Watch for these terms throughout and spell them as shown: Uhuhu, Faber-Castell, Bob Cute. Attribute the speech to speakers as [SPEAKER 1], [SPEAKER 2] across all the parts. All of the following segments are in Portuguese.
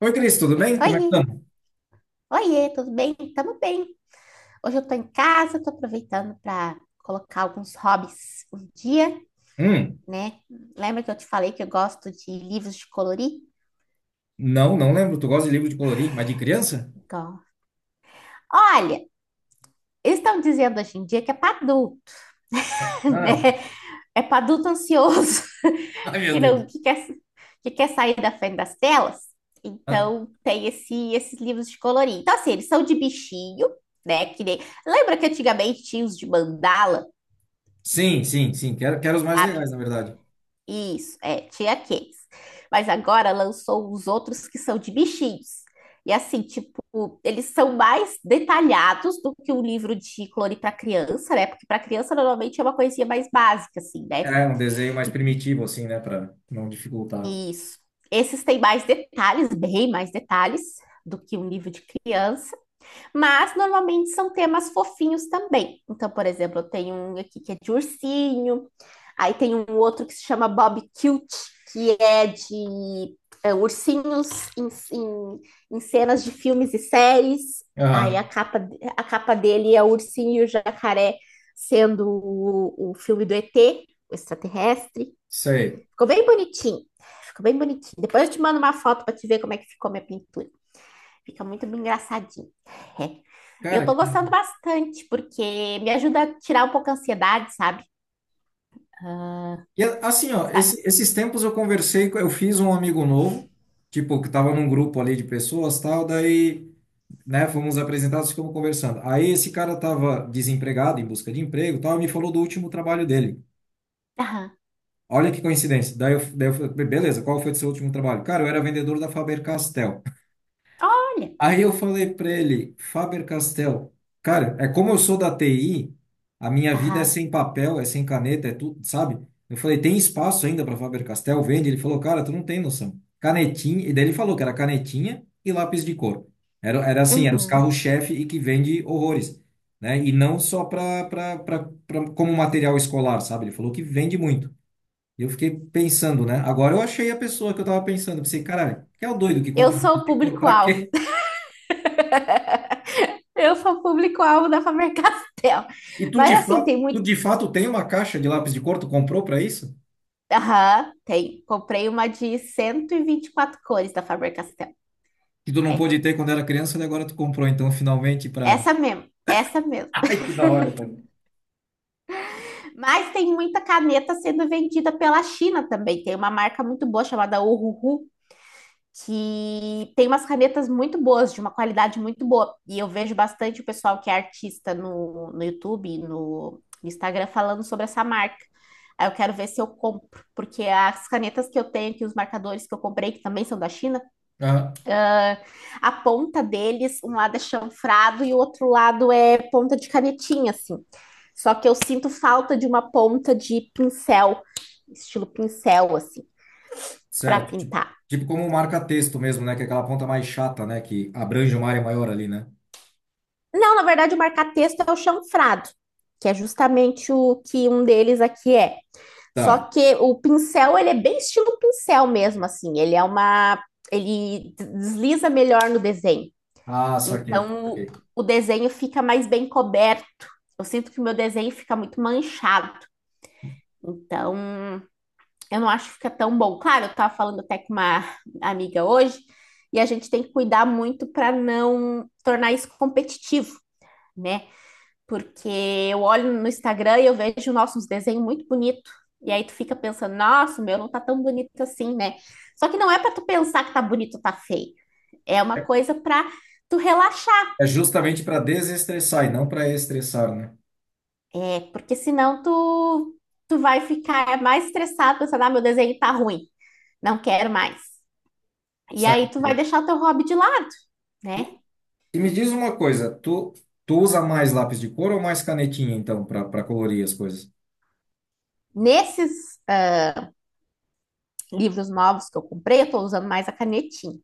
[SPEAKER 1] Oi, Cris, tudo bem? Como é
[SPEAKER 2] Oi,
[SPEAKER 1] que estamos?
[SPEAKER 2] oiê, tudo bem? Tamo bem. Hoje eu tô em casa, tô aproveitando para colocar alguns hobbies um dia,
[SPEAKER 1] Hum.
[SPEAKER 2] né? Lembra que eu te falei que eu gosto de livros de colorir?
[SPEAKER 1] Não, não lembro. Tu gosta de livro de colorir, mas de criança?
[SPEAKER 2] Então, olha, eles estão dizendo hoje em dia que é para adulto,
[SPEAKER 1] Ah, ah.
[SPEAKER 2] né? É para adulto ansioso
[SPEAKER 1] Ai, meu
[SPEAKER 2] que
[SPEAKER 1] Deus.
[SPEAKER 2] não que quer, que quer sair da frente das telas.
[SPEAKER 1] Ah,
[SPEAKER 2] Então, tem esses livros de colorir. Então, assim, eles são de bichinho, né? Que nem- Lembra que antigamente tinha os de mandala?
[SPEAKER 1] sim, sim, sim. Quero os mais
[SPEAKER 2] Sabe?
[SPEAKER 1] legais, na verdade.
[SPEAKER 2] Isso, é, tinha aqueles. Mas agora lançou os outros que são de bichinhos. E assim, tipo, eles são mais detalhados do que um livro de clone para criança, né? Porque para criança normalmente é uma coisinha mais básica, assim, né?
[SPEAKER 1] É, um desenho mais primitivo, assim, né? Pra não dificultar.
[SPEAKER 2] E, isso. Esses têm mais detalhes, bem mais detalhes do que um livro de criança. Mas normalmente são temas fofinhos também. Então, por exemplo, eu tenho um aqui que é de ursinho, aí tem um outro que se chama Bob Cute, que é de é, ursinhos em, em, em cenas de filmes e séries. Aí
[SPEAKER 1] Ah,
[SPEAKER 2] a capa dele é o ursinho e o jacaré sendo o filme do ET, o extraterrestre.
[SPEAKER 1] isso aí.
[SPEAKER 2] Ficou bem bonitinho. Ficou bem bonitinho. Depois eu te mando uma foto para te ver como é que ficou minha pintura. Fica muito bem engraçadinho. É. Eu
[SPEAKER 1] Cara,
[SPEAKER 2] tô gostando bastante, porque me ajuda a tirar um pouco a ansiedade, sabe? Ah,
[SPEAKER 1] e assim, ó,
[SPEAKER 2] sabe?
[SPEAKER 1] esses tempos eu conversei, eu fiz um amigo novo, tipo, que tava num grupo ali de pessoas, tal, daí, né, fomos apresentados, ficamos conversando. Aí esse cara tava desempregado, em busca de emprego, tal, e me falou do último trabalho dele.
[SPEAKER 2] Aham.
[SPEAKER 1] Olha que coincidência. Daí eu falei, beleza, qual foi o seu último trabalho? Cara, eu era vendedor da Faber-Castell.
[SPEAKER 2] Olha.
[SPEAKER 1] Aí eu falei para ele, Faber-Castell, cara, é como eu sou da TI, a minha vida é
[SPEAKER 2] Aham.
[SPEAKER 1] sem papel, é sem caneta, é tudo, sabe? Eu falei, tem espaço ainda para Faber-Castell? Vende? Ele falou, cara, tu não tem noção. Canetinha, e daí ele falou que era canetinha e lápis de cor. Era assim, era os
[SPEAKER 2] Uhum.
[SPEAKER 1] carros-chefe e que vende horrores, né? E não só para como material escolar, sabe? Ele falou que vende muito. E eu fiquei pensando, né? Agora eu achei a pessoa que eu tava pensando. Eu pensei, caralho, que é o doido que
[SPEAKER 2] Eu
[SPEAKER 1] compra
[SPEAKER 2] sou
[SPEAKER 1] lápis
[SPEAKER 2] o
[SPEAKER 1] de cor pra
[SPEAKER 2] público-alvo.
[SPEAKER 1] quê?
[SPEAKER 2] Eu sou o público-alvo da Faber-Castell.
[SPEAKER 1] E tu de
[SPEAKER 2] Mas assim,
[SPEAKER 1] fato,
[SPEAKER 2] tem
[SPEAKER 1] tu
[SPEAKER 2] muito.
[SPEAKER 1] de fato tem uma caixa de lápis de cor, tu comprou pra isso?
[SPEAKER 2] Aham, tem. Comprei uma de cento e vinte e quatro cores da Faber-Castell.
[SPEAKER 1] Que tu não
[SPEAKER 2] É.
[SPEAKER 1] pôde ter quando era criança e agora tu comprou, então, finalmente pra.
[SPEAKER 2] Essa mesmo. Essa mesmo.
[SPEAKER 1] Ai, que da hora, cara.
[SPEAKER 2] Mas tem muita caneta sendo vendida pela China também. Tem uma marca muito boa chamada Uhuhu, que tem umas canetas muito boas, de uma qualidade muito boa. E eu vejo bastante o pessoal que é artista no YouTube, no Instagram, falando sobre essa marca. Aí eu quero ver se eu compro, porque as canetas que eu tenho aqui, os marcadores que eu comprei, que também são da China,
[SPEAKER 1] Ah,
[SPEAKER 2] a ponta deles, um lado é chanfrado e o outro lado é ponta de canetinha, assim. Só que eu sinto falta de uma ponta de pincel, estilo pincel, assim, para
[SPEAKER 1] certo. Tipo,
[SPEAKER 2] pintar.
[SPEAKER 1] tipo como um marca-texto mesmo, né? Que é aquela ponta mais chata, né? Que abrange uma área maior ali, né?
[SPEAKER 2] Não, na verdade, o marca-texto é o chanfrado, que é justamente o que um deles aqui é. Só
[SPEAKER 1] Tá.
[SPEAKER 2] que o pincel, ele é bem estilo pincel mesmo, assim. Ele é uma... Ele desliza melhor no desenho.
[SPEAKER 1] Ah, saquei.
[SPEAKER 2] Então,
[SPEAKER 1] Saquei.
[SPEAKER 2] o desenho fica mais bem coberto. Eu sinto que o meu desenho fica muito manchado. Então, eu não acho que fica tão bom. Claro, eu estava falando até com uma amiga hoje, e a gente tem que cuidar muito para não tornar isso competitivo, né? Porque eu olho no Instagram e eu vejo, nossa, uns desenhos muito bonitos. E aí tu fica pensando, nossa, o meu não tá tão bonito assim, né? Só que não é para tu pensar que tá bonito ou tá feio. É uma coisa para tu relaxar,
[SPEAKER 1] É justamente para desestressar e não para estressar, né?
[SPEAKER 2] é. Porque senão tu, tu vai ficar mais estressado pensando, ah, meu desenho tá ruim, não quero mais. E aí tu vai
[SPEAKER 1] Saquei.
[SPEAKER 2] deixar o teu hobby de lado, né?
[SPEAKER 1] E me diz uma coisa, tu usa mais lápis de cor ou mais canetinha, então, para colorir as coisas?
[SPEAKER 2] Nesses livros novos que eu comprei, eu tô usando mais a canetinha.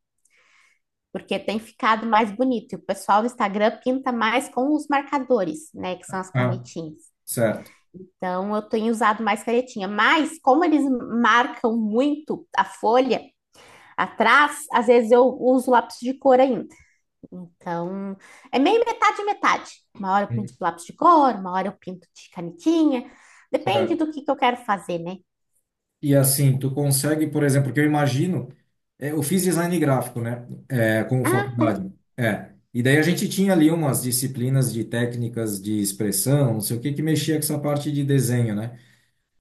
[SPEAKER 2] Porque tem ficado mais bonito. E o pessoal do Instagram pinta mais com os marcadores, né, que são as
[SPEAKER 1] Ah,
[SPEAKER 2] canetinhas.
[SPEAKER 1] certo.
[SPEAKER 2] Então eu tenho usado mais canetinha, mas como eles marcam muito a folha atrás, às vezes eu uso lápis de cor ainda. Então é meio metade metade. Uma hora eu pinto
[SPEAKER 1] Hum.
[SPEAKER 2] de lápis de cor, uma hora eu pinto de canetinha. Depende
[SPEAKER 1] Certo.
[SPEAKER 2] do que eu quero fazer, né?
[SPEAKER 1] E assim, tu consegue, por exemplo, que eu imagino, é, eu fiz design gráfico, né? É, como
[SPEAKER 2] Ah,
[SPEAKER 1] faculdade. É. E daí a gente tinha ali umas disciplinas de técnicas de expressão, não sei o que, que mexia com essa parte de desenho, né?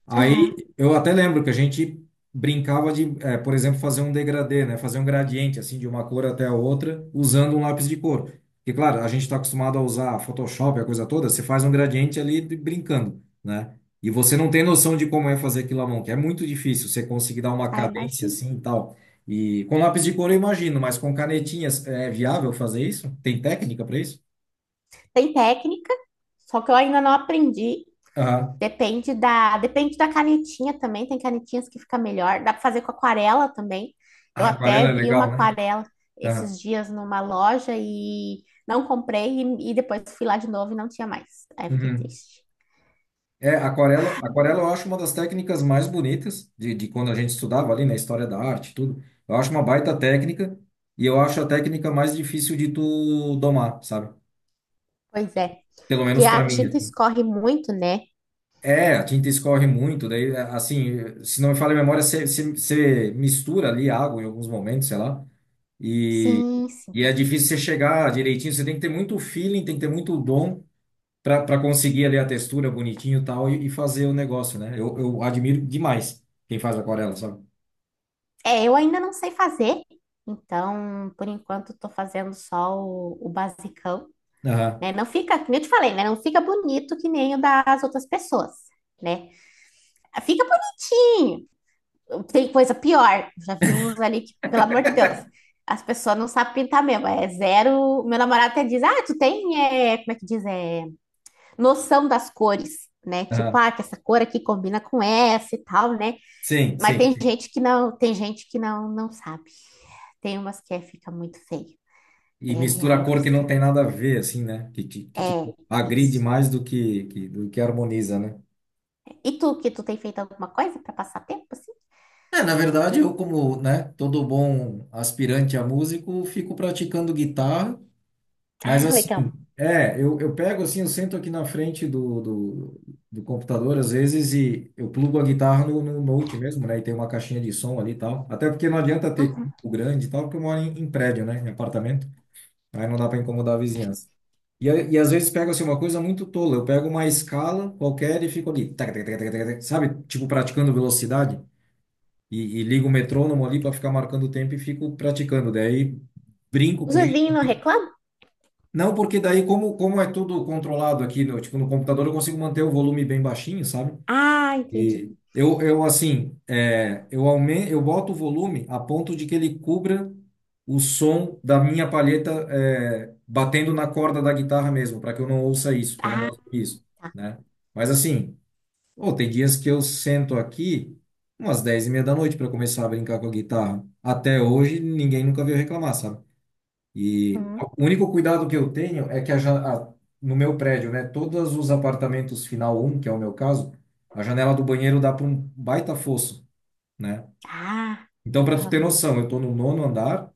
[SPEAKER 1] Aí
[SPEAKER 2] aham,
[SPEAKER 1] eu até lembro que a gente brincava de, por exemplo, fazer um degradê, né? Fazer um gradiente assim de uma cor até a outra usando um lápis de cor. Porque, claro, a gente está acostumado a usar Photoshop, a coisa toda, você faz um gradiente ali brincando, né? E você não tem noção de como é fazer aquilo à mão, que é muito difícil você conseguir dar uma
[SPEAKER 2] ah,
[SPEAKER 1] cadência
[SPEAKER 2] imagino.
[SPEAKER 1] assim e tal. E com lápis de cor eu imagino, mas com canetinhas é viável fazer isso? Tem técnica para isso?
[SPEAKER 2] Tem técnica, só que eu ainda não aprendi.
[SPEAKER 1] Aham.
[SPEAKER 2] Depende da canetinha também. Tem canetinhas que fica melhor. Dá para fazer com aquarela também.
[SPEAKER 1] A
[SPEAKER 2] Eu até
[SPEAKER 1] aquarela é
[SPEAKER 2] vi uma
[SPEAKER 1] legal, né?
[SPEAKER 2] aquarela
[SPEAKER 1] Aham.
[SPEAKER 2] esses dias numa loja e não comprei e depois fui lá de novo e não tinha mais. Aí eu fiquei
[SPEAKER 1] Uhum.
[SPEAKER 2] triste.
[SPEAKER 1] É, aquarela, aquarela eu acho uma das técnicas mais bonitas de quando a gente estudava ali na história da arte, e tudo. Eu acho uma baita técnica e eu acho a técnica mais difícil de tu domar, sabe?
[SPEAKER 2] Pois é,
[SPEAKER 1] Pelo
[SPEAKER 2] porque
[SPEAKER 1] menos
[SPEAKER 2] a
[SPEAKER 1] para mim,
[SPEAKER 2] tinta
[SPEAKER 1] assim.
[SPEAKER 2] escorre muito, né?
[SPEAKER 1] É, a tinta escorre muito, daí é, assim, se não me falha a memória, você mistura ali água em alguns momentos, sei lá, e,
[SPEAKER 2] Sim, sim.
[SPEAKER 1] e é difícil você chegar direitinho, você tem que ter muito feeling, tem que ter muito dom para conseguir ali a textura bonitinho e tal e fazer o negócio, né? Eu admiro demais quem faz aquarela, sabe?
[SPEAKER 2] É, eu ainda não sei fazer. Então, por enquanto, estou fazendo só o basicão,
[SPEAKER 1] Aham,
[SPEAKER 2] né? Não fica, como eu te falei, né? Não fica bonito que nem o das outras pessoas, né? Fica bonitinho. Tem coisa pior. Já vi uns ali que, pelo amor de Deus, as pessoas não sabem pintar mesmo. É zero. Meu namorado até diz: ah, tu tem, é, como é que diz? É, noção das cores, né? Tipo,
[SPEAKER 1] aham.
[SPEAKER 2] ah, que essa cor aqui combina com essa e tal, né?
[SPEAKER 1] Sim,
[SPEAKER 2] Mas
[SPEAKER 1] sim,
[SPEAKER 2] tem
[SPEAKER 1] sim.
[SPEAKER 2] gente que não, tem gente que não, não sabe. Tem umas que é, fica muito feio.
[SPEAKER 1] E
[SPEAKER 2] É
[SPEAKER 1] mistura
[SPEAKER 2] real
[SPEAKER 1] a cor que não
[SPEAKER 2] oficial.
[SPEAKER 1] tem nada a ver, assim, né? Que
[SPEAKER 2] É
[SPEAKER 1] tipo, agride
[SPEAKER 2] isso.
[SPEAKER 1] mais do que harmoniza, né?
[SPEAKER 2] E tu, que tu tem feito alguma coisa para passar tempo assim?
[SPEAKER 1] É, na verdade, eu como, né, todo bom aspirante a músico, fico praticando guitarra. Mas
[SPEAKER 2] Ah,
[SPEAKER 1] assim,
[SPEAKER 2] legal.
[SPEAKER 1] é, eu pego assim, eu sento aqui na frente do computador às vezes e eu plugo a guitarra no Note mesmo, né? E tem uma caixinha de som ali e tal. Até porque não adianta ter
[SPEAKER 2] Uhum.
[SPEAKER 1] o grande e tal, porque eu moro em prédio, né? Em apartamento. Aí não dá para incomodar a vizinhança. E às vezes pego assim uma coisa muito tola. Eu pego uma escala qualquer e fico ali, tac, tac, tac, tac, tac, tac, sabe? Tipo praticando velocidade. E ligo o metrônomo ali para ficar marcando o tempo e fico praticando. Daí brinco
[SPEAKER 2] Os
[SPEAKER 1] com isso.
[SPEAKER 2] vizinhos não reclamam?
[SPEAKER 1] Não, porque daí, como é tudo controlado aqui, no, tipo, no computador, eu consigo manter o volume bem baixinho, sabe?
[SPEAKER 2] Ah, entendi.
[SPEAKER 1] E eu assim, é, eu aumento, eu boto o volume a ponto de que ele cubra o som da minha palheta, é, batendo na corda da guitarra mesmo, para que eu não ouça isso, que eu não gosto disso, né? Mas assim, pô, tem dias que eu sento aqui umas 22:30 da noite para começar a brincar com a guitarra. Até hoje, ninguém nunca veio reclamar, sabe? E
[SPEAKER 2] Uhum.
[SPEAKER 1] o único cuidado que eu tenho é que a, no meu prédio, né, todos os apartamentos final um, que é o meu caso, a janela do banheiro dá para um baita fosso, né?
[SPEAKER 2] Ah,
[SPEAKER 1] Então, para tu ter
[SPEAKER 2] aham.
[SPEAKER 1] noção, eu tô no nono andar,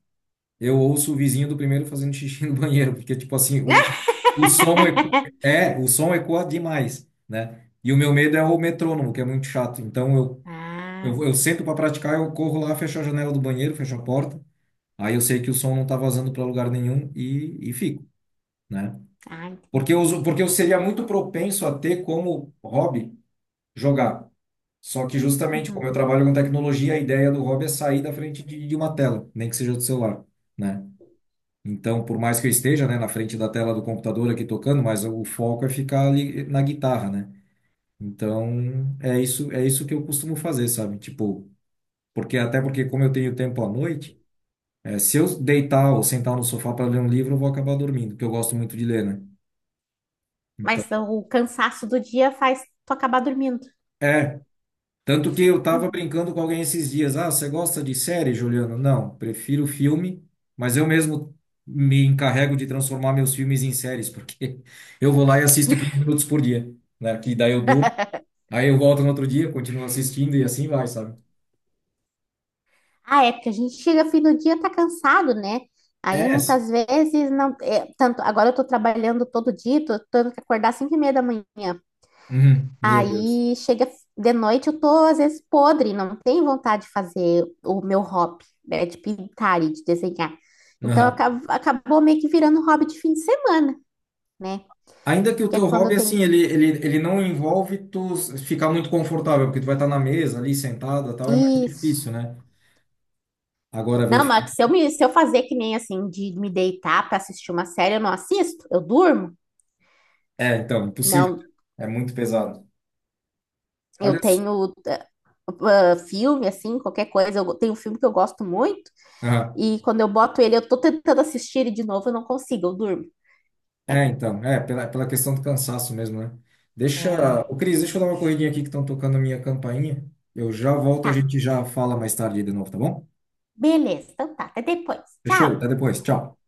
[SPEAKER 1] eu ouço o vizinho do primeiro fazendo xixi no banheiro, porque tipo assim, o som eco- o som ecoa demais, né? E o meu medo é o metrônomo, que é muito chato. Então, eu
[SPEAKER 2] Ah,
[SPEAKER 1] eu, eu
[SPEAKER 2] sim.
[SPEAKER 1] sento para praticar, eu corro lá, fecho a janela do banheiro, fecho a porta. Aí eu sei que o som não tá vazando para lugar nenhum e fico, né?
[SPEAKER 2] Ah,
[SPEAKER 1] Porque eu,
[SPEAKER 2] entendi.
[SPEAKER 1] uso- porque eu seria muito propenso a ter como hobby jogar. Só que justamente como
[SPEAKER 2] Uhum.
[SPEAKER 1] eu trabalho com tecnologia, a ideia do hobby é sair da frente de uma tela, nem que seja do celular, né? Então, por mais que eu esteja, né, na frente da tela do computador aqui tocando, mas o foco é ficar ali na guitarra, né? Então, é isso que eu costumo fazer, sabe? Tipo, porque até porque como eu tenho tempo à noite, se eu deitar ou sentar no sofá para ler um livro, eu vou acabar dormindo, porque eu gosto muito de ler, né? Então,
[SPEAKER 2] Mas o cansaço do dia faz tu acabar dormindo.
[SPEAKER 1] é. Tanto que eu tava
[SPEAKER 2] Uhum.
[SPEAKER 1] brincando com alguém esses dias. Ah, você gosta de série, Juliano? Não, prefiro filme, mas eu mesmo me encarrego de transformar meus filmes em séries, porque eu vou lá e assisto 15 minutos por dia, né? Que daí eu durmo, aí eu volto no outro dia, continuo assistindo e assim vai, sabe?
[SPEAKER 2] Ah, é, porque a gente chega fim do dia tá cansado, né? Aí
[SPEAKER 1] É.
[SPEAKER 2] muitas vezes não. É, tanto agora eu tô trabalhando todo dia, tô tendo que acordar às 5h30 da manhã.
[SPEAKER 1] Uhum. Meu Deus.
[SPEAKER 2] Aí chega de noite, eu tô às vezes podre, não tenho vontade de fazer o meu hobby, né, de pintar e de desenhar. Então
[SPEAKER 1] Aham.
[SPEAKER 2] acab- acabou meio que virando hobby de fim de semana, né?
[SPEAKER 1] Ainda que o
[SPEAKER 2] Porque é
[SPEAKER 1] teu
[SPEAKER 2] quando eu
[SPEAKER 1] hobby,
[SPEAKER 2] tenho
[SPEAKER 1] assim, ele não envolve tu ficar muito confortável, porque tu vai estar na mesa ali, sentada, tal, é mais difícil,
[SPEAKER 2] isso.
[SPEAKER 1] né? Agora ver
[SPEAKER 2] Não,
[SPEAKER 1] filme.
[SPEAKER 2] mas se eu me, se eu fazer que nem assim de me deitar para assistir uma série, eu não assisto, eu durmo.
[SPEAKER 1] É, então, impossível,
[SPEAKER 2] Não,
[SPEAKER 1] né? É muito pesado.
[SPEAKER 2] eu
[SPEAKER 1] Olha só.
[SPEAKER 2] tenho filme assim, qualquer coisa, eu tenho um filme que eu gosto muito
[SPEAKER 1] Aham.
[SPEAKER 2] e quando eu boto ele, eu tô tentando assistir ele de novo, eu não consigo, eu durmo.
[SPEAKER 1] É, então, é, pela questão do cansaço mesmo, né? Deixa. Ô, Cris, deixa eu dar uma corridinha aqui que estão tocando a minha campainha. Eu já volto, a
[SPEAKER 2] É.
[SPEAKER 1] gente já fala mais tarde de novo, tá bom?
[SPEAKER 2] Beleza, então tá, até depois. Tchau!
[SPEAKER 1] Fechou? Até depois. Tchau.